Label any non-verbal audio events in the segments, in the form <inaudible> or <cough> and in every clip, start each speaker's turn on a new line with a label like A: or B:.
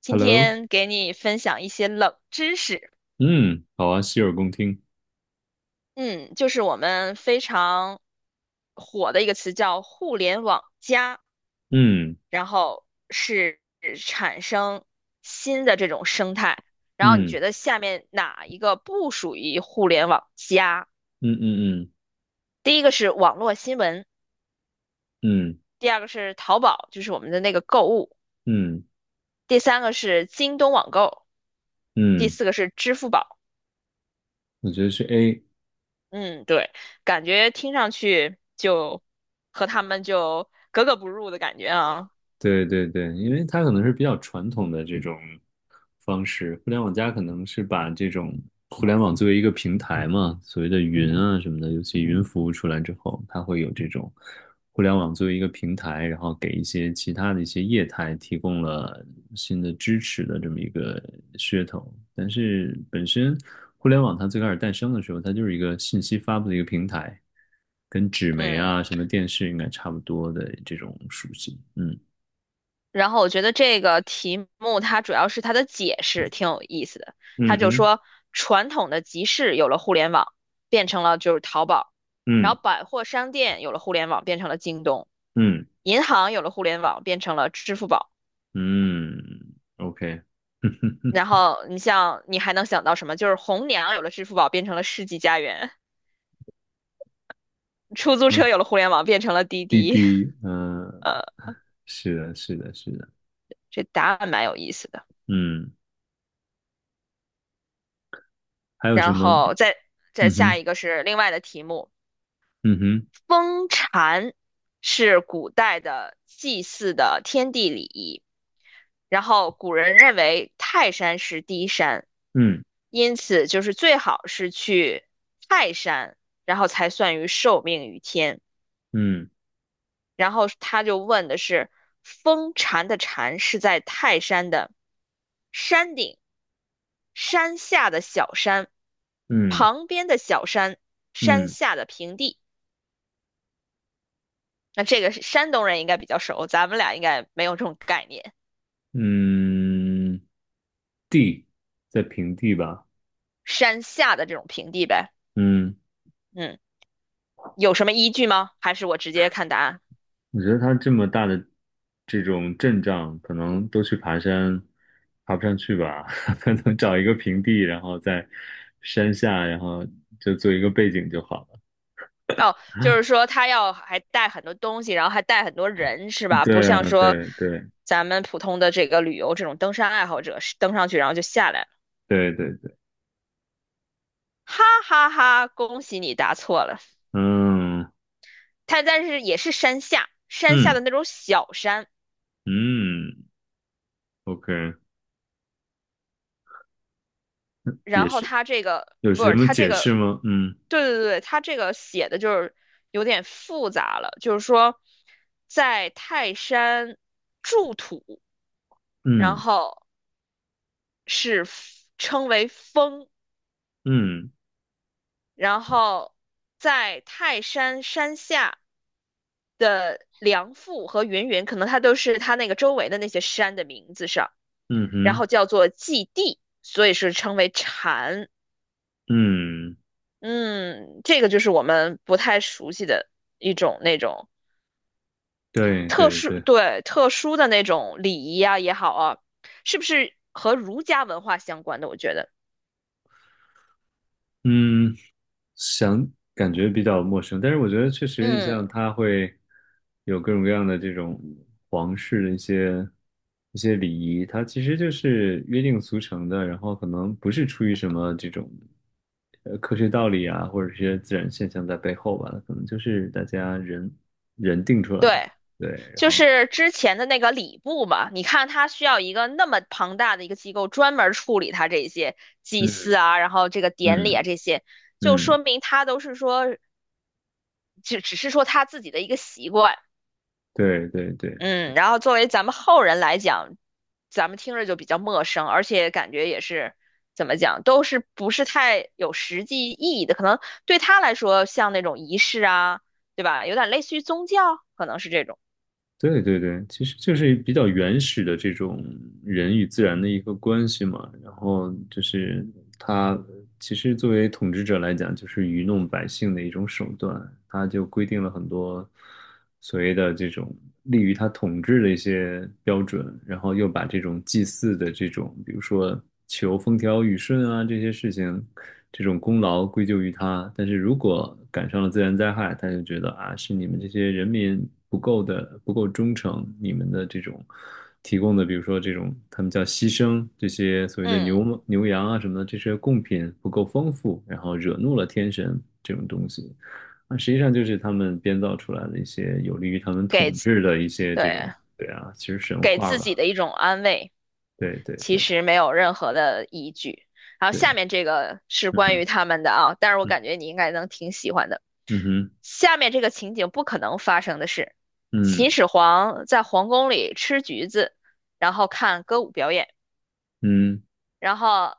A: 今
B: Hello，
A: 天给你分享一些冷知识，
B: 嗯，好啊，洗耳恭听。
A: 嗯，就是我们非常火的一个词叫“互联网加”，
B: 嗯
A: 然后是产生新的这种生态。然后你
B: 嗯
A: 觉得下面哪一个不属于互联网加？
B: 嗯嗯
A: 第一个是网络新闻，
B: 嗯嗯
A: 第二个是淘宝，就是我们的那个购物，
B: 嗯
A: 第三个是京东网购，第
B: 嗯，
A: 四个是支付宝。
B: 我觉得是 A，
A: 嗯，对，感觉听上去就和他们就格格不入的感觉啊。
B: 对对对，因为它可能是比较传统的这种方式，互联网加可能是把这种互联网作为一个平台嘛，所谓的云啊什么的，尤其云服务出来之后，它会有这种互联网作为一个平台，然后给一些其他的一些业态提供了新的支持的这么一个噱头。但是本身互联网它最开始诞生的时候，它就是一个信息发布的一个平台，跟纸媒
A: 嗯，
B: 啊什么电视应该差不多的这种属性，嗯。
A: 然后我觉得这个题目它主要是它的解释挺有意思的。它
B: 嗯
A: 就
B: 哼，
A: 说，传统的集市有了互联网，变成了就是淘宝；然
B: 嗯
A: 后百货商店有了互联网，变成了京东；
B: 嗯
A: 银行有了互联网，变成了支付宝。
B: 嗯，OK，
A: 然后你像你还能想到什么？就是红娘有了支付宝，变成了世纪佳缘；出租
B: 嗯，
A: 车有了互联网，变成了滴
B: 滴
A: 滴。
B: 滴，
A: <laughs>
B: 嗯，
A: 呃。
B: 是的，是的，是的，
A: 这答案蛮有意思的。
B: 嗯，还有什
A: 然
B: 么？
A: 后再
B: 嗯
A: 下
B: 哼，
A: 一个是另外的题目，
B: 嗯哼，
A: 封禅是古代的祭祀的天地礼仪，然后古人认为泰山是第一山，
B: 嗯
A: 因此就是最好是去泰山，然后才算于受命于天。
B: 嗯
A: 然后他就问的是，封禅的禅是在泰山的山顶，山下的小山，
B: 嗯
A: 旁边的小山，山
B: 嗯
A: 下的平地。那这个是山东人应该比较熟，咱们俩应该没有这种概念。
B: 嗯，地在平地吧？
A: 山下的这种平地呗，
B: 嗯，
A: 嗯，有什么依据吗？还是我直接看答案？
B: 我觉得它这么大的这种阵仗，可能都去爬山，爬不上去吧？<laughs> 可能找一个平地，然后在山下，然后就做一个背景就好了。
A: 哦，就是说他要还带很多东西，然后还带很多人，是吧？不
B: 对
A: 像
B: 啊，
A: 说
B: 对对
A: 咱们普通的这个旅游这种登山爱好者，登上去然后就下来了。
B: 对对对，
A: 哈哈哈，恭喜你答错了。
B: 嗯
A: 他但是也是山下，山下的
B: 嗯
A: 那种小山，
B: 嗯，OK，也
A: 然后
B: 是，
A: 他这个
B: 有
A: 不
B: 什
A: 是
B: 么
A: 他这
B: 解释
A: 个，
B: 吗？嗯
A: 对对对，他这个写的就是有点复杂了，就是说在泰山筑土，然
B: 嗯
A: 后是 称为峰，
B: 嗯
A: 然后在泰山山下梁父和云云，可能它都是它那个周围的那些山的名字上，
B: 嗯
A: 然后
B: 哼，
A: 叫做祭地，所以是称为禅。
B: 嗯，
A: 嗯，这个就是我们不太熟悉的一种那种。
B: 对
A: 特
B: 对
A: 殊，
B: 对，
A: 对，特殊的那种礼仪啊也好啊，是不是和儒家文化相关的？我觉得，
B: 嗯。想感觉比较陌生，但是我觉得确实，你像
A: 嗯，
B: 它会有各种各样的这种皇室的一些一些礼仪，它其实就是约定俗成的，然后可能不是出于什么这种科学道理啊，或者是一些自然现象在背后吧，可能就是大家人人定出来的，
A: 对，
B: 对，然
A: 就
B: 后
A: 是之前的那个礼部嘛，你看他需要一个那么庞大的一个机构专门处理他这些祭祀
B: 嗯
A: 啊，然后这个典礼啊
B: 嗯
A: 这些，就
B: 嗯，
A: 说明他都是说只是说他自己的一个习惯，
B: 对对对，
A: 嗯，然后作为咱们后人来讲，咱们听着就比较陌生，而且感觉也是怎么讲，都是不是太有实际意义的。可能对他来说，像那种仪式啊，对吧？有点类似于宗教，可能是这种。
B: 对对对，其实就是比较原始的这种人与自然的一个关系嘛。然后就是他其实作为统治者来讲，就是愚弄百姓的一种手段。他就规定了很多所谓的这种利于他统治的一些标准，然后又把这种祭祀的这种，比如说求风调雨顺啊这些事情，这种功劳归咎于他。但是如果赶上了自然灾害，他就觉得啊，是你们这些人民。不够的不够忠诚，你们的这种提供的，比如说这种他们叫牺牲，这些所谓的
A: 嗯，
B: 牛羊啊什么的，这些贡品不够丰富，然后惹怒了天神这种东西，啊，实际上就是他们编造出来的一些有利于他们
A: 给
B: 统
A: 自
B: 治的一些
A: 对，
B: 这种，对啊，其实神
A: 给
B: 话
A: 自己
B: 吧，
A: 的一种安慰，
B: 对对
A: 其
B: 对
A: 实没有任何的依据。然后下
B: 对，
A: 面这个是关
B: 嗯
A: 于他们的啊，但是我
B: 嗯
A: 感觉你应该能挺喜欢的。
B: 嗯哼
A: 下面这个情景不可能发生的是，秦
B: 嗯
A: 始皇在皇宫里吃橘子，然后看歌舞表演。
B: 嗯
A: 然后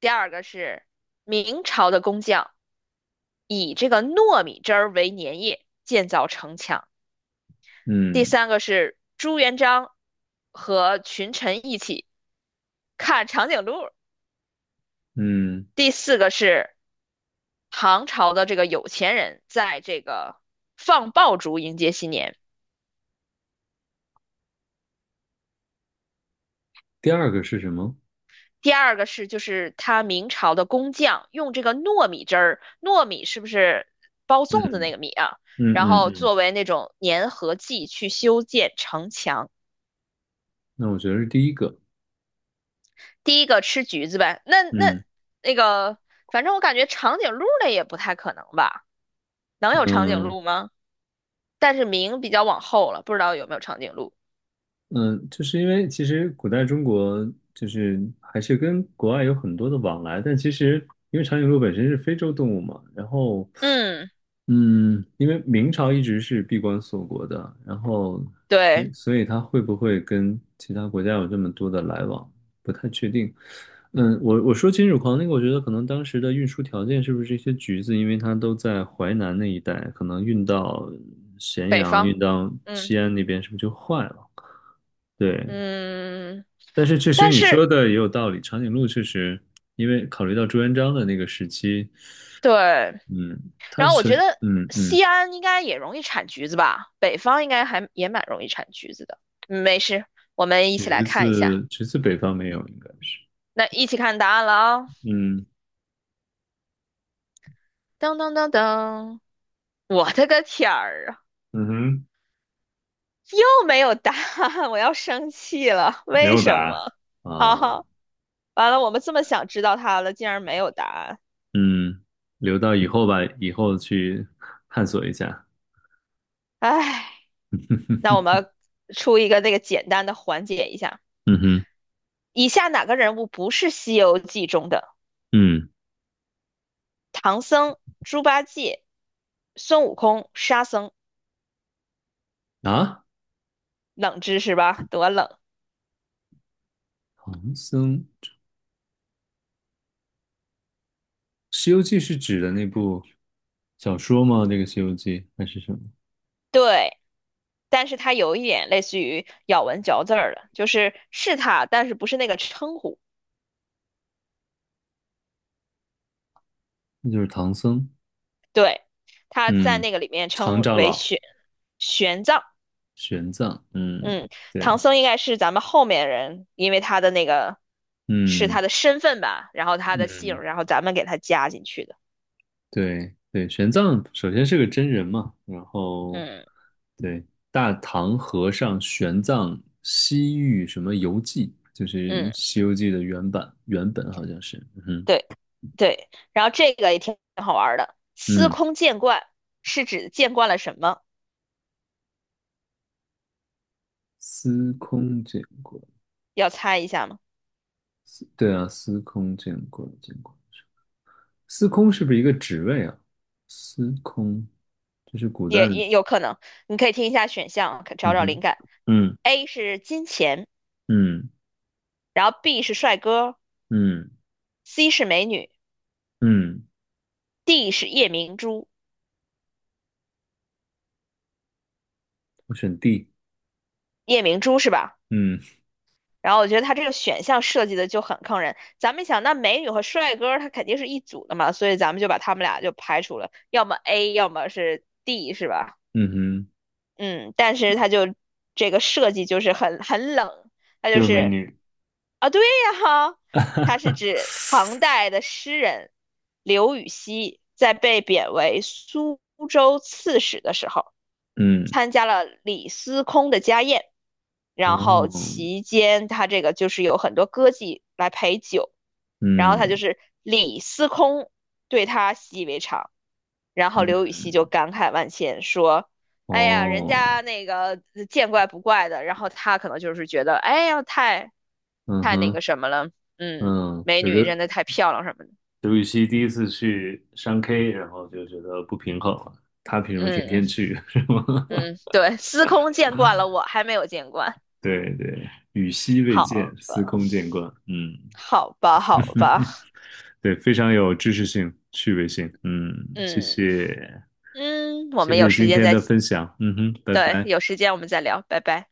A: 第二个是明朝的工匠以这个糯米汁儿为粘液建造城墙。第
B: 嗯
A: 三个是朱元璋和群臣一起看长颈鹿。
B: 嗯，
A: 第四个是唐朝的这个有钱人在这个放爆竹迎接新年。
B: 第二个是什么？
A: 第二个是就是他明朝的工匠用这个糯米汁儿，糯米是不是包
B: 嗯
A: 粽子那个米啊？
B: 嗯
A: 然
B: 嗯
A: 后
B: 嗯，
A: 作为那种粘合剂去修建城墙。
B: 那我觉得是第一个，
A: 第一个吃橘子呗，那
B: 嗯。
A: 那个，反正我感觉长颈鹿类也不太可能吧？能有长颈
B: 嗯，
A: 鹿吗？但是明比较往后了，不知道有没有长颈鹿。
B: 嗯，就是因为其实古代中国就是还是跟国外有很多的往来，但其实因为长颈鹿本身是非洲动物嘛，然后
A: 嗯，
B: 嗯，因为明朝一直是闭关锁国的，然后所以
A: 对，
B: 所以它会不会跟其他国家有这么多的来往，不太确定。嗯，我说金属狂那个，我觉得可能当时的运输条件是不是一些橘子，因为它都在淮南那一带，可能运到咸
A: 北
B: 阳、
A: 方，
B: 运到
A: 嗯
B: 西安那边，是不是就坏了？对。
A: 嗯，
B: 但是确实
A: 但
B: 你
A: 是
B: 说的也有道理，长颈鹿确实，因为考虑到朱元璋的那个时期，
A: 对。
B: 嗯，他
A: 然后我
B: 是，
A: 觉得
B: 嗯嗯，
A: 西安应该也容易产橘子吧，北方应该还也蛮容易产橘子的。嗯没事，我们一起来
B: 橘
A: 看一下，
B: 子橘子北方没有，应该是，
A: 那一起看答案了啊！
B: 嗯
A: 噔噔噔噔，我的个天儿啊，
B: 嗯哼，
A: 又没有答案，我要生气了，
B: 没
A: 为
B: 有
A: 什
B: 答
A: 么？哈
B: 啊，
A: 哈，完了，我们这么想知道它了，竟然没有答案，
B: 嗯，留到以后吧，以后去探索一下，
A: 唉，那我们出一个那个简单的缓解一下。
B: 嗯哼，
A: 以下哪个人物不是《西游记》中的？
B: 嗯
A: 唐僧、猪八戒、孙悟空、沙僧，
B: 啊，
A: 冷知识吧，多冷。
B: 唐僧，《西游记》是指的那部小说吗？那个《西游记》还是什么？
A: 对，但是它有一点类似于咬文嚼字儿的，就是是它，但是不是那个称呼。
B: 那就是唐僧，
A: 对，它在
B: 嗯，
A: 那个里面
B: 常
A: 称
B: 长
A: 为
B: 老。
A: 玄奘。
B: 玄奘，嗯，
A: 嗯，唐
B: 对，
A: 僧应该是咱们后面人，因为他的那个是
B: 嗯
A: 他的身份吧，然后他的姓，
B: 嗯，
A: 然后咱们给他加进去的。
B: 对对，玄奘首先是个真人嘛，然后
A: 嗯
B: 对大唐和尚玄奘西域什么游记，就是
A: 嗯。
B: 《西游记》的原版原本好像是，嗯
A: 对对，然后这个也挺好玩儿的。司
B: 嗯，
A: 空见惯是指见惯了什么？
B: 司空见过，
A: 要猜一下吗？
B: 司对啊，司空见过见过，司空是不是一个职位啊？司空，这是古代
A: 也
B: 的，
A: 也有可能，你可以听一下选项，可找
B: 嗯
A: 找灵
B: 哼，
A: 感。
B: 嗯
A: A 是金钱，
B: 嗯
A: 然后 B 是帅哥
B: 嗯嗯。
A: ，C 是美女
B: 嗯
A: ，D 是夜明珠。
B: 我选 D，
A: 夜明珠是吧？
B: 嗯
A: 然后我觉得它这个选项设计的就很坑人。咱们想，那美女和帅哥他肯定是一组的嘛，所以咱们就把他们俩就排除了，要么 A，要么是 D，是吧？
B: 嗯哼，
A: 嗯，但是他就这个设计就是很冷，他就
B: 就是美
A: 是
B: 女。
A: 啊，对呀哈，他是
B: <laughs>
A: 指唐代的诗人刘禹锡在被贬为苏州刺史的时候，
B: 嗯，
A: 参加了李司空的家宴，然后
B: 哦，
A: 期间他这个就是有很多歌妓来陪酒，然后他就
B: 嗯
A: 是李司空对他习以为常，然后刘禹锡就
B: 嗯，
A: 感慨万千说。哎呀，人
B: 哦，
A: 家那个见怪不怪的，然后他可能就是觉得，哎呀，太
B: 嗯
A: 太那
B: 哼，
A: 个什么了，嗯，
B: 嗯，
A: 美
B: 就
A: 女
B: 刘，
A: 真的太漂亮什么的，
B: 刘禹锡第一次去商 K，然后就觉得不平衡了他凭什么天
A: 嗯
B: 天去，<laughs> 是吗？
A: 嗯，对，司空见惯了我，还没有见惯，
B: 对对，与昔未
A: 好
B: 见，司
A: 吧，
B: 空见惯。嗯，
A: 好吧，好吧，
B: 对，非常有知识性、趣味性。嗯，谢
A: 嗯
B: 谢，
A: 嗯，我
B: 谢
A: 们有
B: 谢
A: 时
B: 今
A: 间
B: 天
A: 再，
B: 的分享。嗯哼，拜
A: 对，
B: 拜。
A: 有时间我们再聊，拜拜。